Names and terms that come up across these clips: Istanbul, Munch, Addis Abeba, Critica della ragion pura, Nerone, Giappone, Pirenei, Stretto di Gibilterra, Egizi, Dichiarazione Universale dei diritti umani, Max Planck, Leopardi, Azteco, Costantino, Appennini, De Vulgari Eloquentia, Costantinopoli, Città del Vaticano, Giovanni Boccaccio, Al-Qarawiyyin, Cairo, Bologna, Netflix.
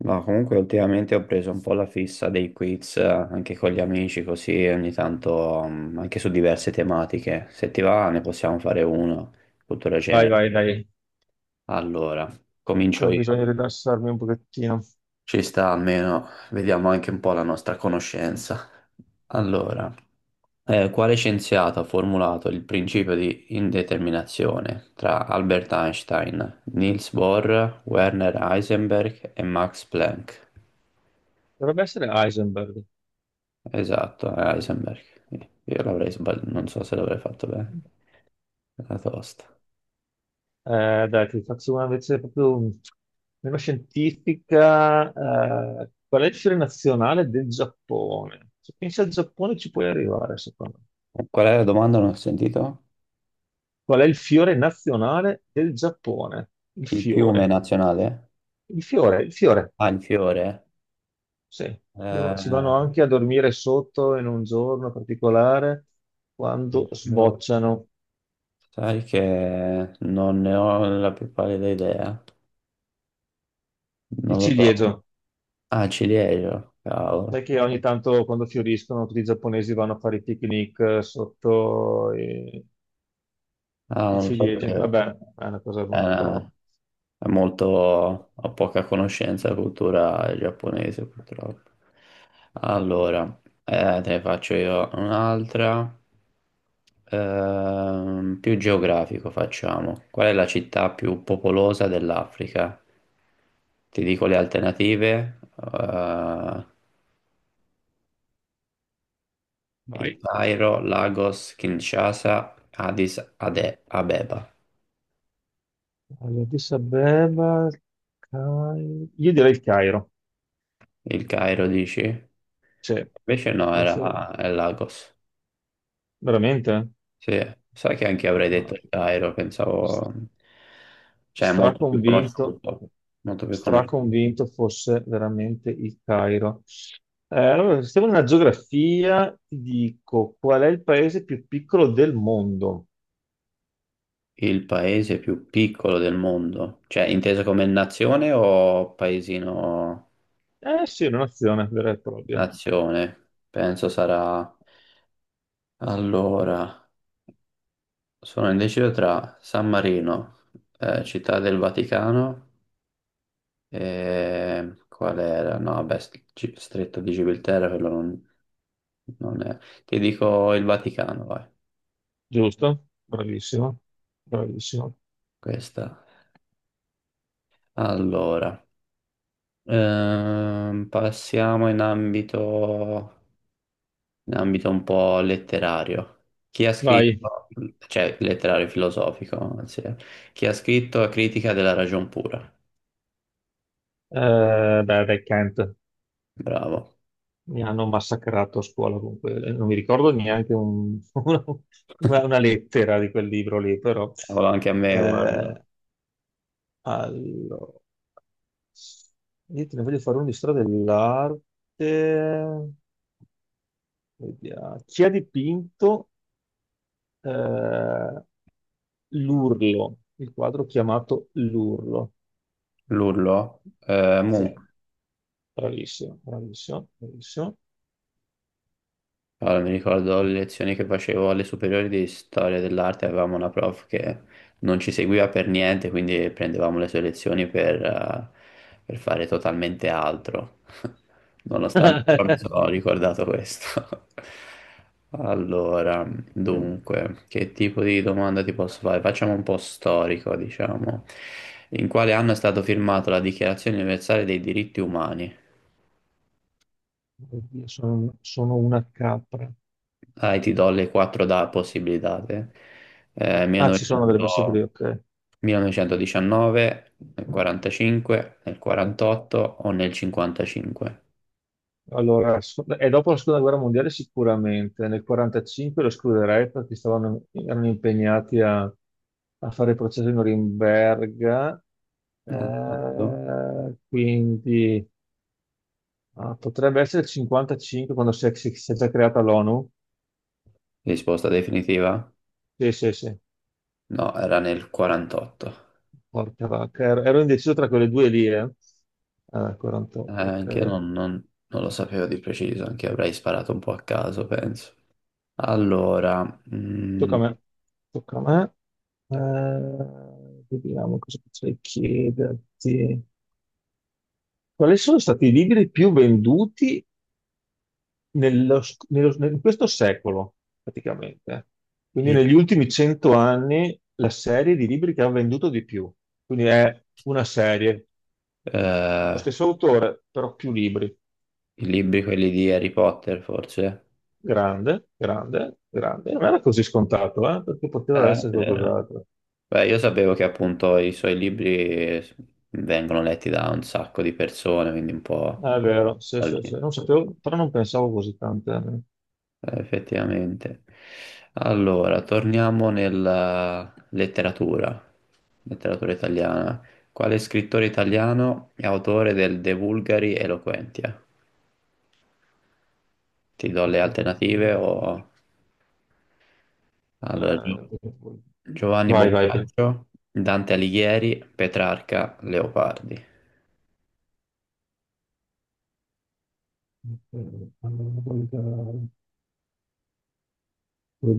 Ma comunque ultimamente ho preso un po' la fissa dei quiz anche con gli amici, così ogni tanto anche su diverse tematiche. Se ti va ne possiamo fare uno, cultura Vai, genere. vai, dai. Allora, comincio Ecco, bisogna io. rilassarmi un pochettino. Ci sta almeno, vediamo anche un po' la nostra conoscenza. Allora, quale scienziato ha formulato il principio di indeterminazione tra Albert Einstein, Niels Bohr, Werner Heisenberg e Max Planck? Dovrebbe essere Heisenberg. Esatto, a Heisenberg. Io l'avrei sbagliato, non so se l'avrei fatto bene. Era tosta. Dai, ti faccio una invece proprio meno scientifica. Qual è il fiore nazionale del Giappone? Se pensi al Giappone ci puoi arrivare, secondo me. Qual è la domanda? Non ho sentito. Qual è il fiore nazionale del Giappone? Il Il fiume fiore. nazionale? Il fiore. Ah, il fiore. Sì. Loro ci Eh, vanno anche a dormire sotto in un giorno particolare il quando fiore. sbocciano Sai che non ne ho la più pallida idea. il Non lo so. ciliegio. Ah, ciliegio, Sai cavolo. che ogni tanto quando fioriscono tutti i giapponesi vanno a fare i picnic sotto i, Ah, i non lo ciliegi. sapevo. Vabbè, è una cosa un Eh, po'. è molto, ho poca conoscenza della cultura giapponese purtroppo. Allora, te ne faccio io un'altra. Più geografico facciamo. Qual è la città più popolosa dell'Africa? Ti dico le alternative, il Vai. Cairo, Lagos, Kinshasa, Abeba. Allora, Addis Abeba, io direi il Cairo. Il Cairo dici? Sì, Invece no, confermo. È Lagos. Veramente? Sì, sai che anche io avrei detto Ah, il Cairo, s- pensavo, cioè è molto più straconvinto, conosciuto, molto più conosciuto. straconvinto fosse veramente il Cairo. Allora, stiamo nella geografia, ti dico qual è il paese più piccolo del mondo. Il paese più piccolo del mondo, cioè inteso come nazione o paesino Eh sì, è un'azione vera e propria, nazione? Penso sarà. Allora, sono indeciso tra San Marino, Città del Vaticano e qual era? No, vabbè, Stretto di Gibilterra, quello non è. Ti dico il Vaticano, vai. giusto? Bravissimo, bravissimo. Questa. Allora, passiamo in ambito un po' letterario. Chi ha Vai. scritto, cioè letterario filosofico, anzi. Chi ha scritto Critica della ragion pura? Beh, dai, Kent, Bravo. mi hanno massacrato a scuola comunque. Non mi ricordo neanche una, una- una lettera di quel libro lì, però. Cavolo, anche a me, guarda. Eh, allora, io te ne voglio fare uno di storia dell'arte. Vediamo. Chi ha dipinto eh, l'Urlo, il quadro chiamato L'Urlo? L'urlo. Munch. Sì, bravissimo, bravissimo, bravissimo. Allora, mi ricordo le lezioni che facevo alle superiori di storia dell'arte, avevamo una prof che non ci seguiva per niente, quindi prendevamo le sue lezioni per fare totalmente altro. Nonostante però mi sono ricordato questo. Allora, dunque, che tipo di domanda ti posso fare? Facciamo un po' storico, diciamo. In quale anno è stato firmato la Dichiarazione Universale dei diritti umani? Oddio, sono una capra. Dai, ti do le quattro da possibilità te. Ah, ci sono delle 1900 possibili, ok. 1919, nel 45, nel 48 o nel 55? Allora, e dopo la seconda guerra mondiale sicuramente, nel 45 lo escluderei perché stavano, erano impegnati a fare il processo di Norimberga. Esatto. Quindi ah, potrebbe essere il 55 quando si è già creata l'ONU. Risposta definitiva? Sì, sì, sì. No, era nel 48. Porca vacca, ero indeciso tra quelle due lì, eh. Ah, 48, Anche io ok. non lo sapevo di preciso, anche io avrei sparato un po' a caso, penso. Allora, mm, Tocca a me. Tocca a me. Vediamo cosa potrei chiederti. Quali sono stati i libri più venduti nello sc- nello- nel- in questo secolo, praticamente? Quindi i, negli ultimi 100 anni la serie di libri che ha venduto di più. Quindi è una serie, lo eh, stesso autore, però più libri. i libri quelli di Harry Potter, forse? Grande, grande, grande. Non era così scontato, perché poteva Eh, essere qualcos'altro. Beh, io sapevo che appunto i suoi libri vengono letti da un sacco di persone, quindi un po' Ah, è vero, sì, da sì, lì, sì. Non sapevo, però non pensavo così tante. eh, effettivamente. Allora, torniamo nella letteratura, letteratura italiana. Quale scrittore italiano è autore del De Vulgari Eloquentia? Ti do le alternative o. Allora, Eh, Giovanni vai, vai. Boccaccio, Dante Alighieri, Petrarca, Leopardi.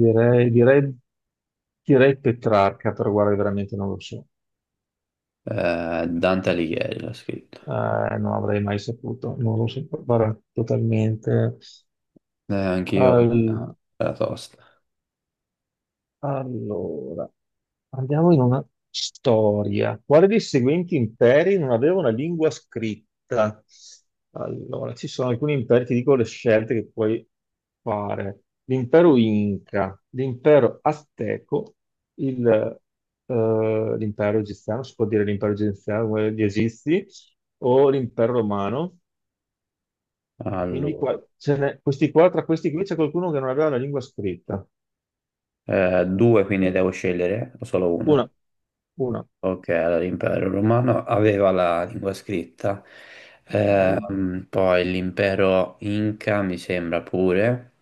Direi, direi, direi Petrarca, però guarda, veramente non lo so. Dante Alighieri l'ha scritto. Eh, non avrei mai saputo, non lo so, guarda, totalmente. Anch'io la tosta. Allora, andiamo in una storia. Quale dei seguenti imperi non aveva una lingua scritta? Allora, ci sono alcuni imperi, ti dico le scelte che puoi fare. L'impero Inca, l'impero Azteco, il, l'impero egiziano, si può dire l'impero egiziano, quello degli Egizi, o l'impero romano. Quindi Allora, questi qua, tra questi qui c'è qualcuno che non aveva la lingua scritta. Due quindi devo scegliere o solo Una, una? una. Ok, allora l'impero romano aveva la lingua scritta, Ok. Poi l'impero Inca mi sembra pure.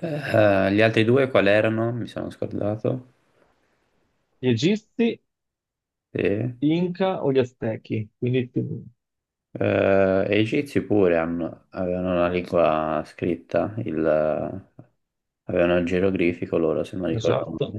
Gli altri due quali erano? Mi sono scordato. Gli Egizi, Sì. Inca o gli Aztechi? Quindi, più- E gli egizi pure avevano una lingua scritta, avevano il geroglifico loro, se non ricordo. esatto,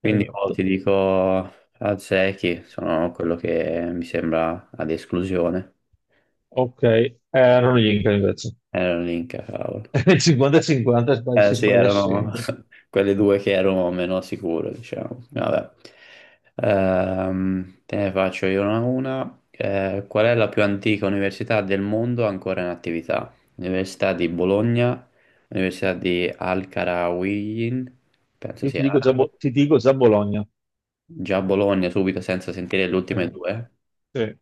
Quindi oh, esatto. ti dico Zeki, sono quello che mi sembra ad esclusione. Ok, erano gli Inca invece. Erano l'Inca, cavolo. 50-50 Eh si sì, sbaglia erano sempre. quelle due che ero meno sicuro, diciamo. Vabbè. Te ne faccio io una a una. Qual è la più antica università del mondo ancora in attività? Università di Bologna, Università di Al-Qarawiyyin, penso Io ti sia dico già, arabo. Ti dico già Bologna. Già Bologna subito senza sentire le ultime Eh, due. sì.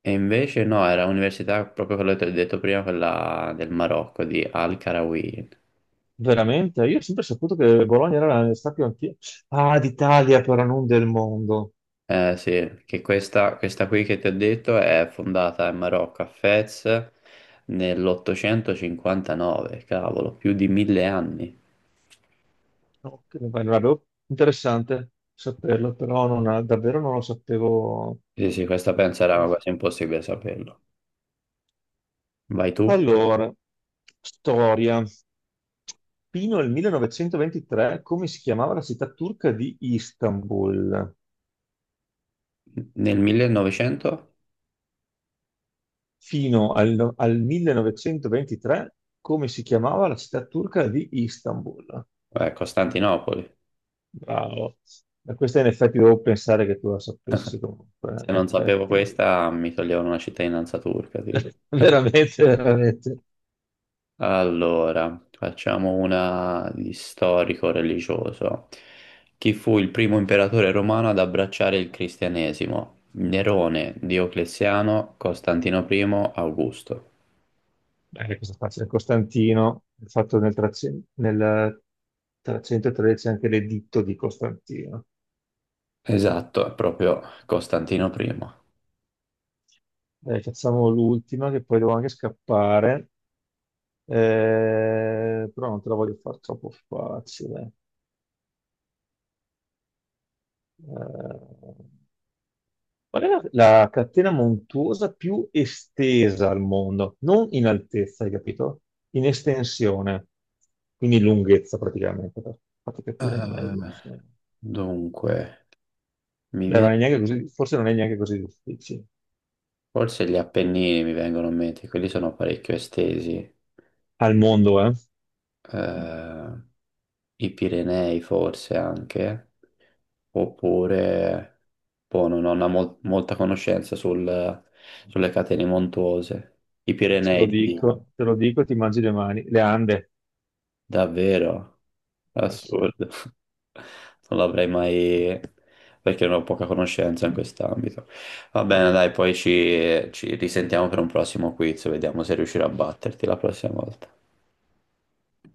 E invece no, era un'università proprio quella che ti ho detto prima, quella del Marocco, di Al-Qarawi. Veramente? Io ho sempre saputo che Bologna era la città più antica. Ah, d'Italia, però non del mondo. Eh sì, che questa qui che ti ho detto è fondata in Marocco, a Fez, nell'859, cavolo, più di 1000 anni. Ok, vai, non avevo- interessante saperlo, però non ha- davvero non lo sapevo. Sì, sì, questa penso era quasi impossibile saperlo. Vai tu, Allora, storia. Fino al 1923, come si chiamava la città turca di Istanbul? nel 1900? Fino al, no- al 1923, come si chiamava la città turca di Istanbul? Costantinopoli. Bravo. Ma questa in effetti devo pensare che tu la sapessi comunque, Se in non sapevo effetti. questa, mi toglievano una cittadinanza turca, tipo. Veramente, veramente. Allora, facciamo una di storico-religioso. Chi fu il primo imperatore romano ad abbracciare il cristianesimo? Nerone, Diocleziano, Costantino I, Augusto. Bene, questa è facile. Costantino, il fatto 300, nel 313 anche l'editto di Costantino. Esatto, è proprio Costantino I. Dai, facciamo l'ultima che poi devo anche scappare. Però non te la voglio far troppo facile. Eh, qual è la catena montuosa più estesa al mondo? Non in altezza, hai capito? In estensione, quindi lunghezza praticamente, per farti capire meglio, Eh, insomma. dunque, mi Beh, viene, non è forse non è neanche così difficile. forse gli Appennini mi vengono in mente, quelli sono parecchio estesi. Al mondo, eh? Eh, i Pirenei forse anche, oppure boh, non ho una molta conoscenza sulle catene montuose. I Pirenei ti dico, Te lo dico e ti mangi le mani. Le Ande. davvero, Ah, sì. assurdo. Non l'avrei mai, perché non ho poca conoscenza in quest'ambito. Va bene, dai, poi ci risentiamo per un prossimo quiz, vediamo se riuscirò a batterti la prossima volta.